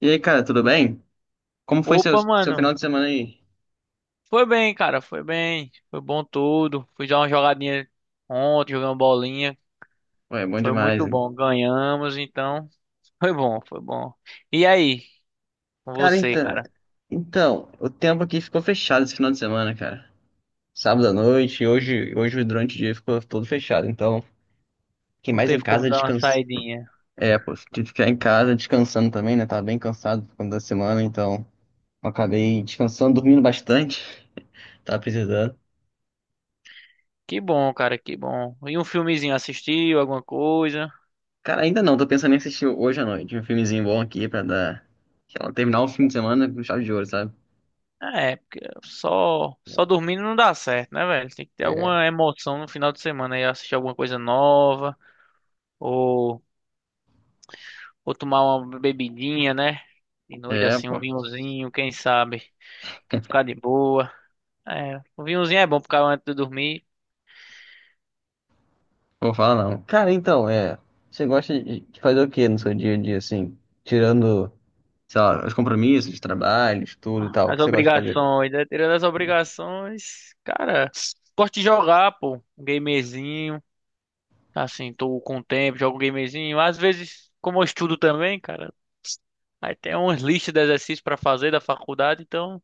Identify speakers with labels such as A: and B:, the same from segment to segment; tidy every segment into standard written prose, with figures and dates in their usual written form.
A: E aí, cara, tudo bem? Como foi seu,
B: Opa,
A: seu
B: mano.
A: final de semana aí?
B: Foi bem, cara. Foi bem. Foi bom tudo. Fui dar uma jogadinha ontem, jogando bolinha.
A: Ué, bom
B: Foi
A: demais,
B: muito
A: hein?
B: bom. Ganhamos, então. Foi bom, foi bom. E aí, com
A: Cara,
B: você,
A: então,
B: cara?
A: então, o tempo aqui ficou fechado esse final de semana, cara. Sábado à noite, e hoje durante o dia ficou todo fechado. Então, quem
B: Não
A: mais em
B: teve como
A: casa
B: dar uma
A: descansa.
B: saidinha.
A: É, pô, tive que ficar em casa descansando também, né? Tava bem cansado por conta da semana, então eu acabei descansando, dormindo bastante. Tava precisando.
B: Que bom, cara, que bom. E um filmezinho assistiu, alguma coisa?
A: Cara, ainda não, tô pensando em assistir hoje à noite um filmezinho bom aqui pra dar, sei lá, terminar o fim de semana com chave de ouro, sabe?
B: É, porque só dormindo não dá certo, né, velho? Tem que ter
A: É,
B: alguma emoção no final de semana aí, assistir alguma coisa nova. Ou Ou tomar uma bebidinha, né? De noite
A: é,
B: assim, um
A: pô.
B: vinhozinho, quem sabe? Pra ficar de boa. É, o vinhozinho é bom pra ficar antes de dormir.
A: Não vou falar não. Cara, então, é. Você gosta de fazer o quê no seu dia a dia, assim? Tirando, sei lá, os compromissos de trabalho, estudo e tal, o
B: As
A: que você gosta de fazer?
B: obrigações, né? Tirando as obrigações, cara, gosto de jogar, pô. Um gamezinho. Assim, tô com tempo, jogo um gamezinho. Às vezes, como eu estudo também, cara, aí tem umas listas de exercícios pra fazer da faculdade, então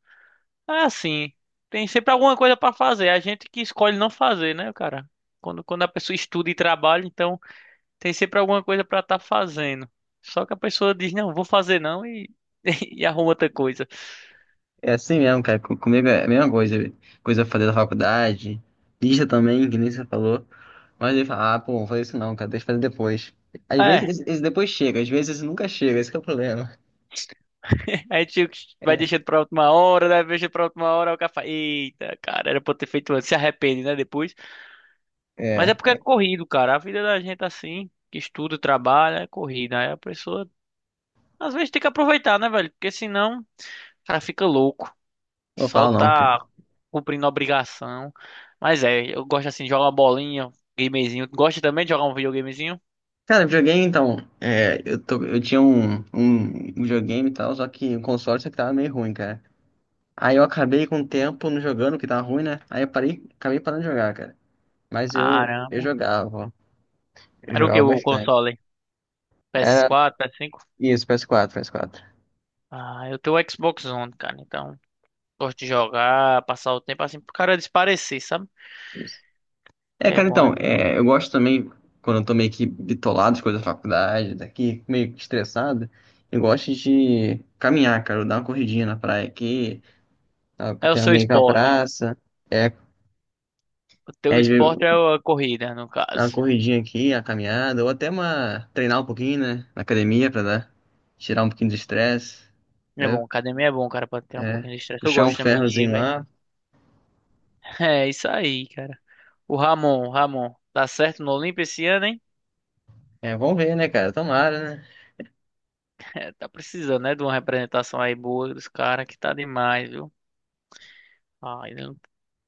B: é assim. Tem sempre alguma coisa pra fazer. É a gente que escolhe não fazer, né, cara? Quando a pessoa estuda e trabalha, então. Tem sempre alguma coisa pra estar fazendo. Só que a pessoa diz, não, vou fazer não e, e arruma outra coisa.
A: É assim mesmo, cara. Comigo é a mesma coisa. Coisa pra fazer da faculdade, lista também, que nem você falou. Mas ele fala, ah, pô, vou fazer isso não, cara, deixa eu fazer depois. Às vezes
B: É,
A: esse depois chega, às vezes esse nunca chega, esse que é o problema.
B: a gente vai
A: É,
B: deixando pra última hora, né? Deixa pra última hora, o cara fala, eita, cara, era pra eu ter feito antes. Se arrepende, né, depois. Mas é
A: é.
B: porque é corrido, cara. A vida da gente é assim, que estuda, trabalha, é corrida. Aí a pessoa, às vezes, tem que aproveitar, né, velho? Porque senão, o cara fica louco.
A: Não
B: Só
A: falo não, cara.
B: tá cumprindo obrigação. Mas é, eu gosto assim de jogar uma bolinha, gamezinho. Gosta também de jogar um videogamezinho?
A: Cara, videogame então, eu tinha um videogame e tal, só que o console só que tava meio ruim, cara. Aí eu acabei com o tempo não jogando, que tava ruim, né? Aí eu parei, acabei parando de jogar, cara. Mas eu
B: Caramba.
A: jogava, ó. Eu
B: Era o que
A: jogava
B: o
A: bastante.
B: console?
A: Era
B: PS4, PS5?
A: isso, PS4, PS4.
B: Ah, eu tenho o Xbox One, cara. Então, gosto de jogar, passar o tempo assim pro cara desaparecer, sabe?
A: Isso. É,
B: Que é
A: cara,
B: bom
A: então,
B: às vezes.
A: é, eu gosto também, quando eu tô meio que bitolado de coisa da faculdade, daqui, meio que estressado, eu gosto de caminhar, cara, eu dar uma corridinha na praia aqui, tá,
B: É o
A: tem
B: seu
A: também com a
B: esporte.
A: praça. É,
B: O teu
A: é,
B: esporte é a corrida, no
A: dar uma
B: caso.
A: corridinha aqui, uma caminhada, ou até uma treinar um pouquinho, né? Na academia pra dar, tirar um pouquinho do estresse,
B: É bom,
A: entendeu?
B: academia é bom, cara, pra ter um
A: É,
B: pouquinho de estresse. Eu
A: puxar um
B: gosto também de ir,
A: ferrozinho
B: velho.
A: lá.
B: É isso aí, cara. O Ramon tá certo no Olimpo esse ano, hein?
A: É, vamos ver, né, cara? Tomara, né?
B: É, tá precisando, né, de uma representação aí boa dos caras, que tá demais, viu? Ah,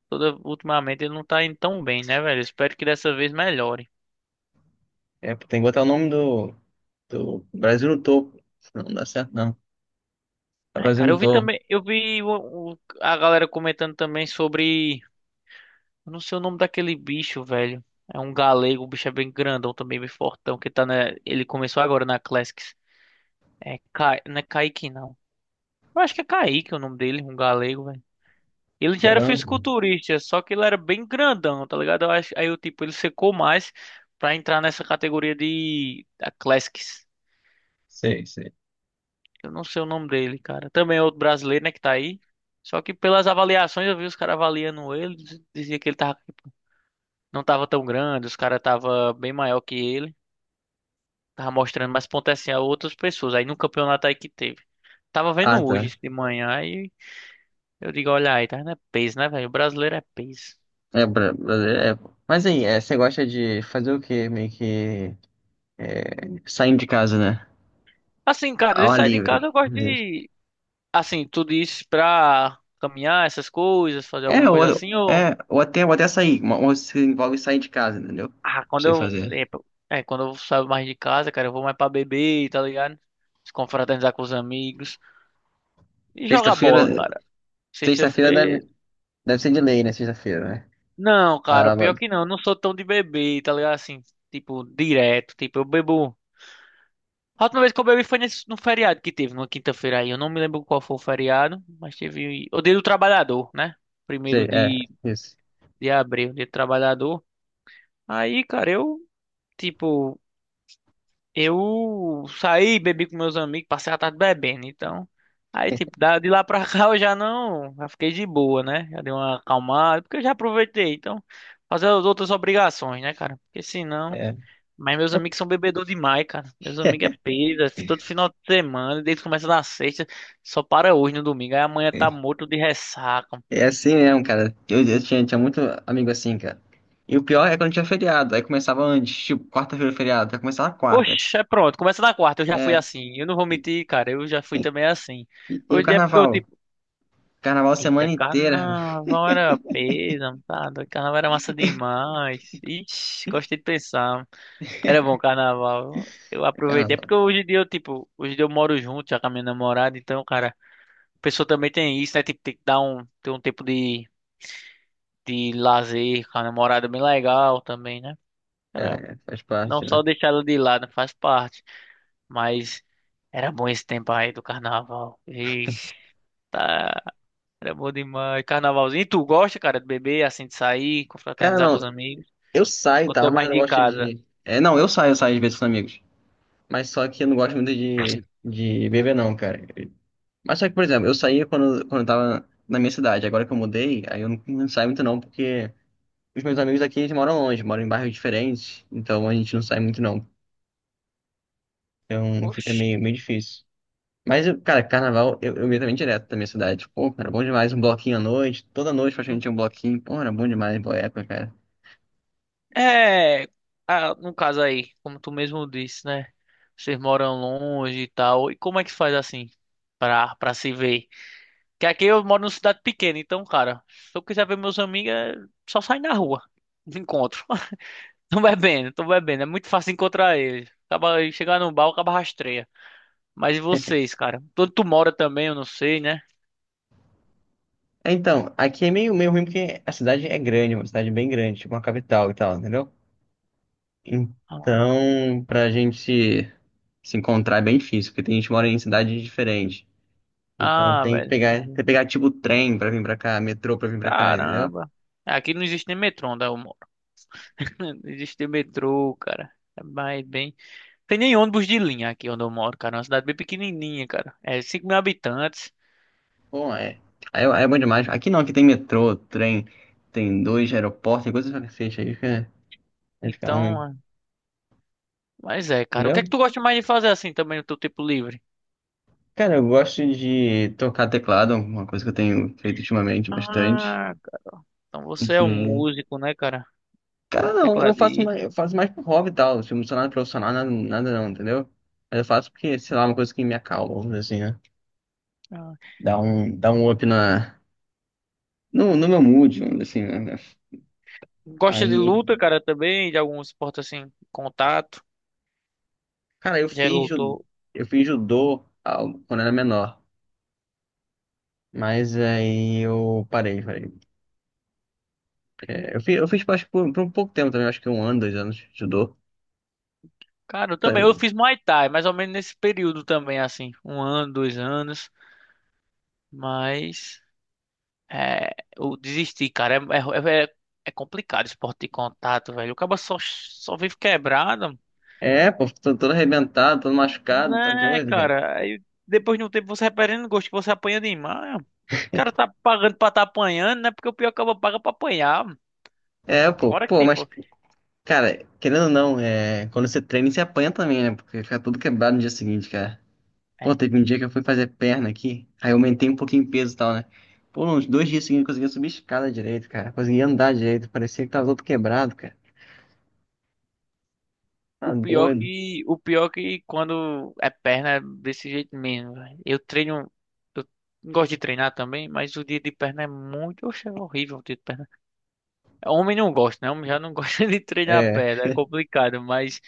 B: toda, ultimamente ele não tá indo tão bem, né, velho? Espero que dessa vez melhore.
A: É, tem que botar o nome do, do Brasil no topo. Senão não dá certo, não. Tá
B: É,
A: Brasil
B: cara,
A: no
B: eu vi
A: topo.
B: também, eu vi a galera comentando também sobre, eu não sei o nome daquele bicho, velho. É um galego, o bicho é bem grandão também, bem fortão, que tá na, ele começou agora na Classics. É, não é Kaique, não. Eu acho que é Kaique o nome dele, um galego, velho. Ele já era
A: Quebrando?
B: fisiculturista, só que ele era bem grandão, tá ligado? Eu acho, aí o tipo, ele secou mais pra entrar nessa categoria de da Classics.
A: Sei, sei.
B: Eu não sei o nome dele, cara. Também é outro brasileiro, né, que tá aí. Só que pelas avaliações eu vi os caras avaliando ele, dizia que ele tava, não tava tão grande, os caras tava bem maior que ele, tava mostrando mais potencial a outras pessoas. Aí no campeonato aí que teve. Tava
A: Ah,
B: vendo
A: tá.
B: hoje de manhã aí, eu digo, olha aí, tá vendo? É peso, né, velho? O brasileiro é peso.
A: É, Brasil, é. Pô. Mas aí, é, você gosta de fazer o quê? Meio que é, saindo de casa, né?
B: Assim, cara,
A: Ao
B: de
A: ar
B: sair de
A: livre.
B: casa, eu gosto de assim, tudo isso pra caminhar essas coisas, fazer alguma
A: É, ou,
B: coisa assim.
A: é, ou até sair, ou se envolve sair de casa, entendeu? Pra
B: Ah, quando
A: você
B: eu,
A: fazer.
B: é, pô, é, quando eu saio mais de casa, cara, eu vou mais pra beber, tá ligado? Se confraternizar com os amigos e jogar
A: Sexta-feira,
B: bola, cara.
A: sexta-feira deve,
B: Sexta-feira.
A: deve ser de lei, né? Sexta-feira, né?
B: Não, cara, pior
A: Sábado,
B: que não, eu não sou tão de beber, tá ligado? Assim, tipo, direto, tipo, eu bebo. A última vez que eu bebi foi nesse, no feriado que teve, numa quinta-feira aí. Eu não me lembro qual foi o feriado, mas teve o Dia do Trabalhador, né?
A: sei,
B: Primeiro
A: é,
B: de,
A: isso.
B: de abril, Dia do Trabalhador. Aí, cara, eu, tipo. Eu saí, bebi com meus amigos, passei a tarde bebendo, então. Aí, tipo, de lá pra cá eu já não. Já fiquei de boa, né? Já dei uma acalmada, porque eu já aproveitei. Então, fazer as outras obrigações, né, cara? Porque senão.
A: É.
B: Mas meus amigos são bebedor demais, cara. Meus amigos é peida, todo final de semana, desde que começa na sexta, só para hoje no domingo. Aí amanhã tá morto de ressaca.
A: É assim mesmo, cara. Eu tinha, tinha muito amigo assim, cara. E o pior é quando tinha feriado, aí começava antes, tipo, quarta-feira é feriado, aí começava quarta.
B: Oxe, é pronto, começa na quarta, eu já fui
A: É.
B: assim. Eu não vou mentir, cara, eu já fui também assim.
A: E o
B: Hoje é porque eu
A: carnaval? Carnaval
B: eita,
A: semana inteira.
B: carnaval era peso, tá? Doido, carnaval era massa demais. Ixi, gostei de pensar. Era bom carnaval. Eu aproveitei, é
A: Carnaval.
B: porque hoje em dia eu, tipo, hoje em dia eu moro junto já com a minha namorada, então, cara, a pessoa também tem isso, né? Tipo, tem que ter um tempo de lazer com a namorada bem legal também, né? Cara,
A: É, faz
B: não
A: parte, né?
B: só deixar ela de lado, faz parte. Mas era bom esse tempo aí do carnaval. Ixi, tá. Era bom demais. Carnavalzinho. E tu gosta, cara, de beber, assim, de sair,
A: Cara,
B: confraternizar com
A: não,
B: os amigos?
A: eu saio e
B: Ou tu
A: tal,
B: é
A: mas eu
B: mais
A: não
B: de
A: gosto
B: casa?
A: de. É, não, eu saio às vezes com os amigos. Mas só que eu não gosto muito de beber, não, cara. Mas só que, por exemplo, eu saía quando eu tava na minha cidade. Agora que eu mudei, aí eu não saio muito, não, porque os meus amigos aqui eles moram longe, moram em bairros diferentes. Então a gente não sai muito, não. Então fica
B: Oxi.
A: meio difícil. Mas, cara, carnaval, eu ia também direto da minha cidade. Pô, cara, bom demais. Um bloquinho à noite. Toda noite praticamente tinha um bloquinho. Pô, era bom demais, boa época, cara.
B: É, ah, no caso aí, como tu mesmo disse, né? Vocês moram longe e tal. E como é que faz assim pra se ver? Que aqui eu moro numa cidade pequena, então, cara, se eu quiser ver meus amigos, é só sair na rua. Não encontro. Tô bebendo, tô bebendo. É muito fácil encontrar eles. Acaba chegar no bar, acaba rastreia. Mas e vocês, cara? Todo tu mora também, eu não sei, né?
A: Então, aqui é meio ruim porque a cidade é grande, uma cidade bem grande, tipo uma capital e tal, entendeu?
B: Ah,
A: Então, pra gente se encontrar é bem difícil, porque tem gente que mora em cidades diferentes. Então
B: ah,
A: tem que
B: velho,
A: pegar, tem
B: entendi.
A: que pegar tipo trem pra vir pra cá, metrô pra vir pra cá, entendeu?
B: Caramba. Aqui não existe nem metrô onde eu moro. Não existe metrô, cara. É mais bem. Tem nem ônibus de linha aqui onde eu moro, cara. É uma cidade bem pequenininha, cara. É 5 mil habitantes.
A: Bom, é, aí é, é bom demais. Aqui não, aqui tem metrô, trem, tem dois aeroportos, tem coisas pra cacete aí, fica, aí ficar
B: Então,
A: ruim,
B: é, mas é, cara. O que é que
A: entendeu?
B: tu gosta mais de fazer assim também no teu tempo livre?
A: Cara, eu gosto de tocar teclado, uma coisa que eu tenho feito ultimamente bastante.
B: Ah, cara. Então
A: E
B: você é um
A: que
B: músico, né, cara?
A: cara, não, eu faço
B: Tecladista.
A: mais, eu faço mais por hobby e tal. Tipo, não sou nada profissional, nada não, entendeu? Mas eu faço porque, sei lá, uma coisa que me acalma, vamos dizer assim, né?
B: Ah.
A: Dá um up na, no meu mood, vamos dizer assim, né?
B: Gosta de
A: Aí,
B: luta, cara, também? De algum esporte assim, contato?
A: cara,
B: Já é lutou?
A: eu fiz judô ah, quando era menor. Mas aí eu parei. É, eu fiz parte por um pouco tempo também, acho que um ano, dois anos de judô.
B: Cara, eu também. Eu fiz Muay Thai, mais ou menos nesse período também, assim. Um ano, 2 anos. Mas. É, eu desisti, cara. É complicado esporte de contato, velho. O cara só vive quebrado.
A: É, pô, tô todo arrebentado, todo machucado, tá
B: Né,
A: doido, cara.
B: cara? Aí depois de um tempo você vai perdendo gosto, que você apanha demais. O cara tá pagando pra tá apanhando, né? Porque o pior acaba paga pra apanhar.
A: É, pô,
B: Agora que,
A: pô, mas
B: tipo.
A: cara, querendo ou não, é... quando você treina, você apanha também, né? Porque fica tudo quebrado no dia seguinte, cara. Pô, teve um dia que eu fui fazer perna aqui, aí eu aumentei um pouquinho o peso e tal, né? Pô, uns dois dias seguintes eu conseguia subir escada direito, cara. Conseguia andar direito, parecia que tava todo quebrado, cara. Tá
B: O pior
A: doido.
B: que, o pior que quando é perna é desse jeito mesmo, velho. Eu treino, eu gosto de treinar também, mas o dia de perna é muito, oxe, é horrível o dia de perna. Homem não gosta, né? Homem já não gosta de treinar
A: É,
B: perna, é complicado, mas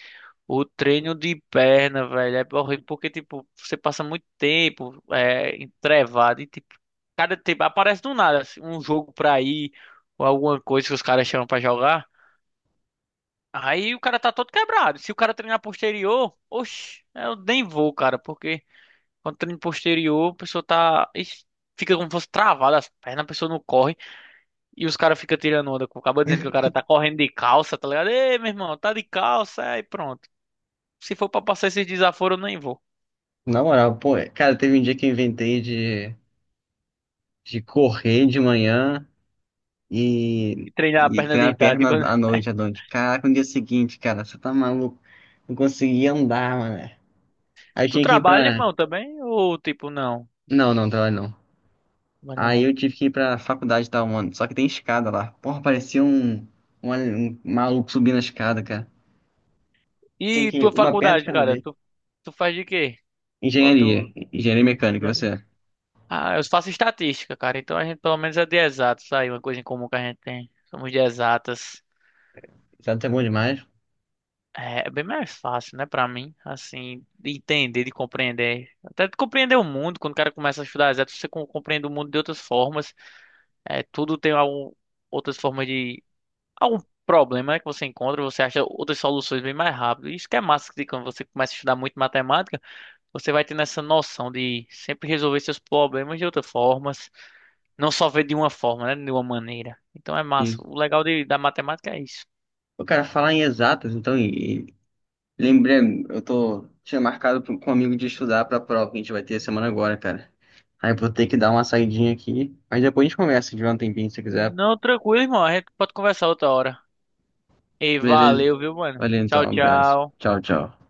B: o treino de perna, velho, é horrível porque, tipo, você passa muito tempo é, entrevado e, tipo, cada tempo aparece do nada assim, um jogo pra ir ou alguma coisa que os caras chamam pra jogar. Aí o cara tá todo quebrado. Se o cara treinar posterior, oxe, eu nem vou, cara, porque quando treina posterior, a pessoa tá. Ixi, fica como se fosse travada as pernas, a pessoa não corre. E os caras ficam tirando onda. Acaba dizendo que o cara tá correndo de calça, tá ligado? Ei, meu irmão, tá de calça, aí pronto. Se for pra passar esses desaforos, eu nem vou.
A: na moral, pô, cara, teve um dia que eu inventei de correr de manhã e,
B: E treinar a
A: e
B: perna
A: treinar a
B: deitada. E
A: perna
B: quando-
A: à noite, à noite. Caraca, no dia seguinte, cara, você tá maluco? Não conseguia andar, mano. Aí
B: Tu
A: tinha que ir
B: trabalha,
A: pra
B: irmão, também? Ou tipo, não?
A: não, não, trabalho não.
B: Trabalha
A: Aí
B: não.
A: eu tive que ir pra faculdade e tal, mano. Só que tem escada lá. Porra, parecia um, um maluco subindo a escada, cara. Tinha
B: E
A: que
B: tua
A: uma perna de
B: faculdade,
A: cada
B: cara?
A: vez.
B: tu, faz de quê? Qual
A: Engenharia.
B: teu.
A: Engenharia mecânica,
B: Né?
A: você.
B: Ah, eu faço estatística, cara. Então a gente pelo menos é de exatos aí, uma coisa em comum que a gente tem. Somos de exatas.
A: Exato é bom demais.
B: É é bem mais fácil, né, pra mim, assim, de entender, de compreender. Até de compreender o mundo, quando o cara começa a estudar exatos, você compreende o mundo de outras formas. É, tudo tem algum, outras formas de algum problema, né, que você encontra, você acha outras soluções bem mais rápido. Isso que é massa de quando você começa a estudar muito matemática. Você vai tendo essa noção de sempre resolver seus problemas de outras formas, não só ver de uma forma, né? De uma maneira. Então é massa.
A: Isso.
B: O legal de, da matemática é isso.
A: O cara falar em exatas, então, e lembrei, eu tô, tinha marcado com um amigo de estudar pra prova que a gente vai ter semana agora, cara. Aí eu vou ter que dar uma saidinha aqui. Mas depois a gente conversa de um tempinho, se quiser.
B: Não, tranquilo, irmão. A gente pode conversar outra hora. E
A: Beleza?
B: valeu, viu, mano?
A: Valeu então,
B: Tchau,
A: um abraço.
B: tchau.
A: Tchau, tchau.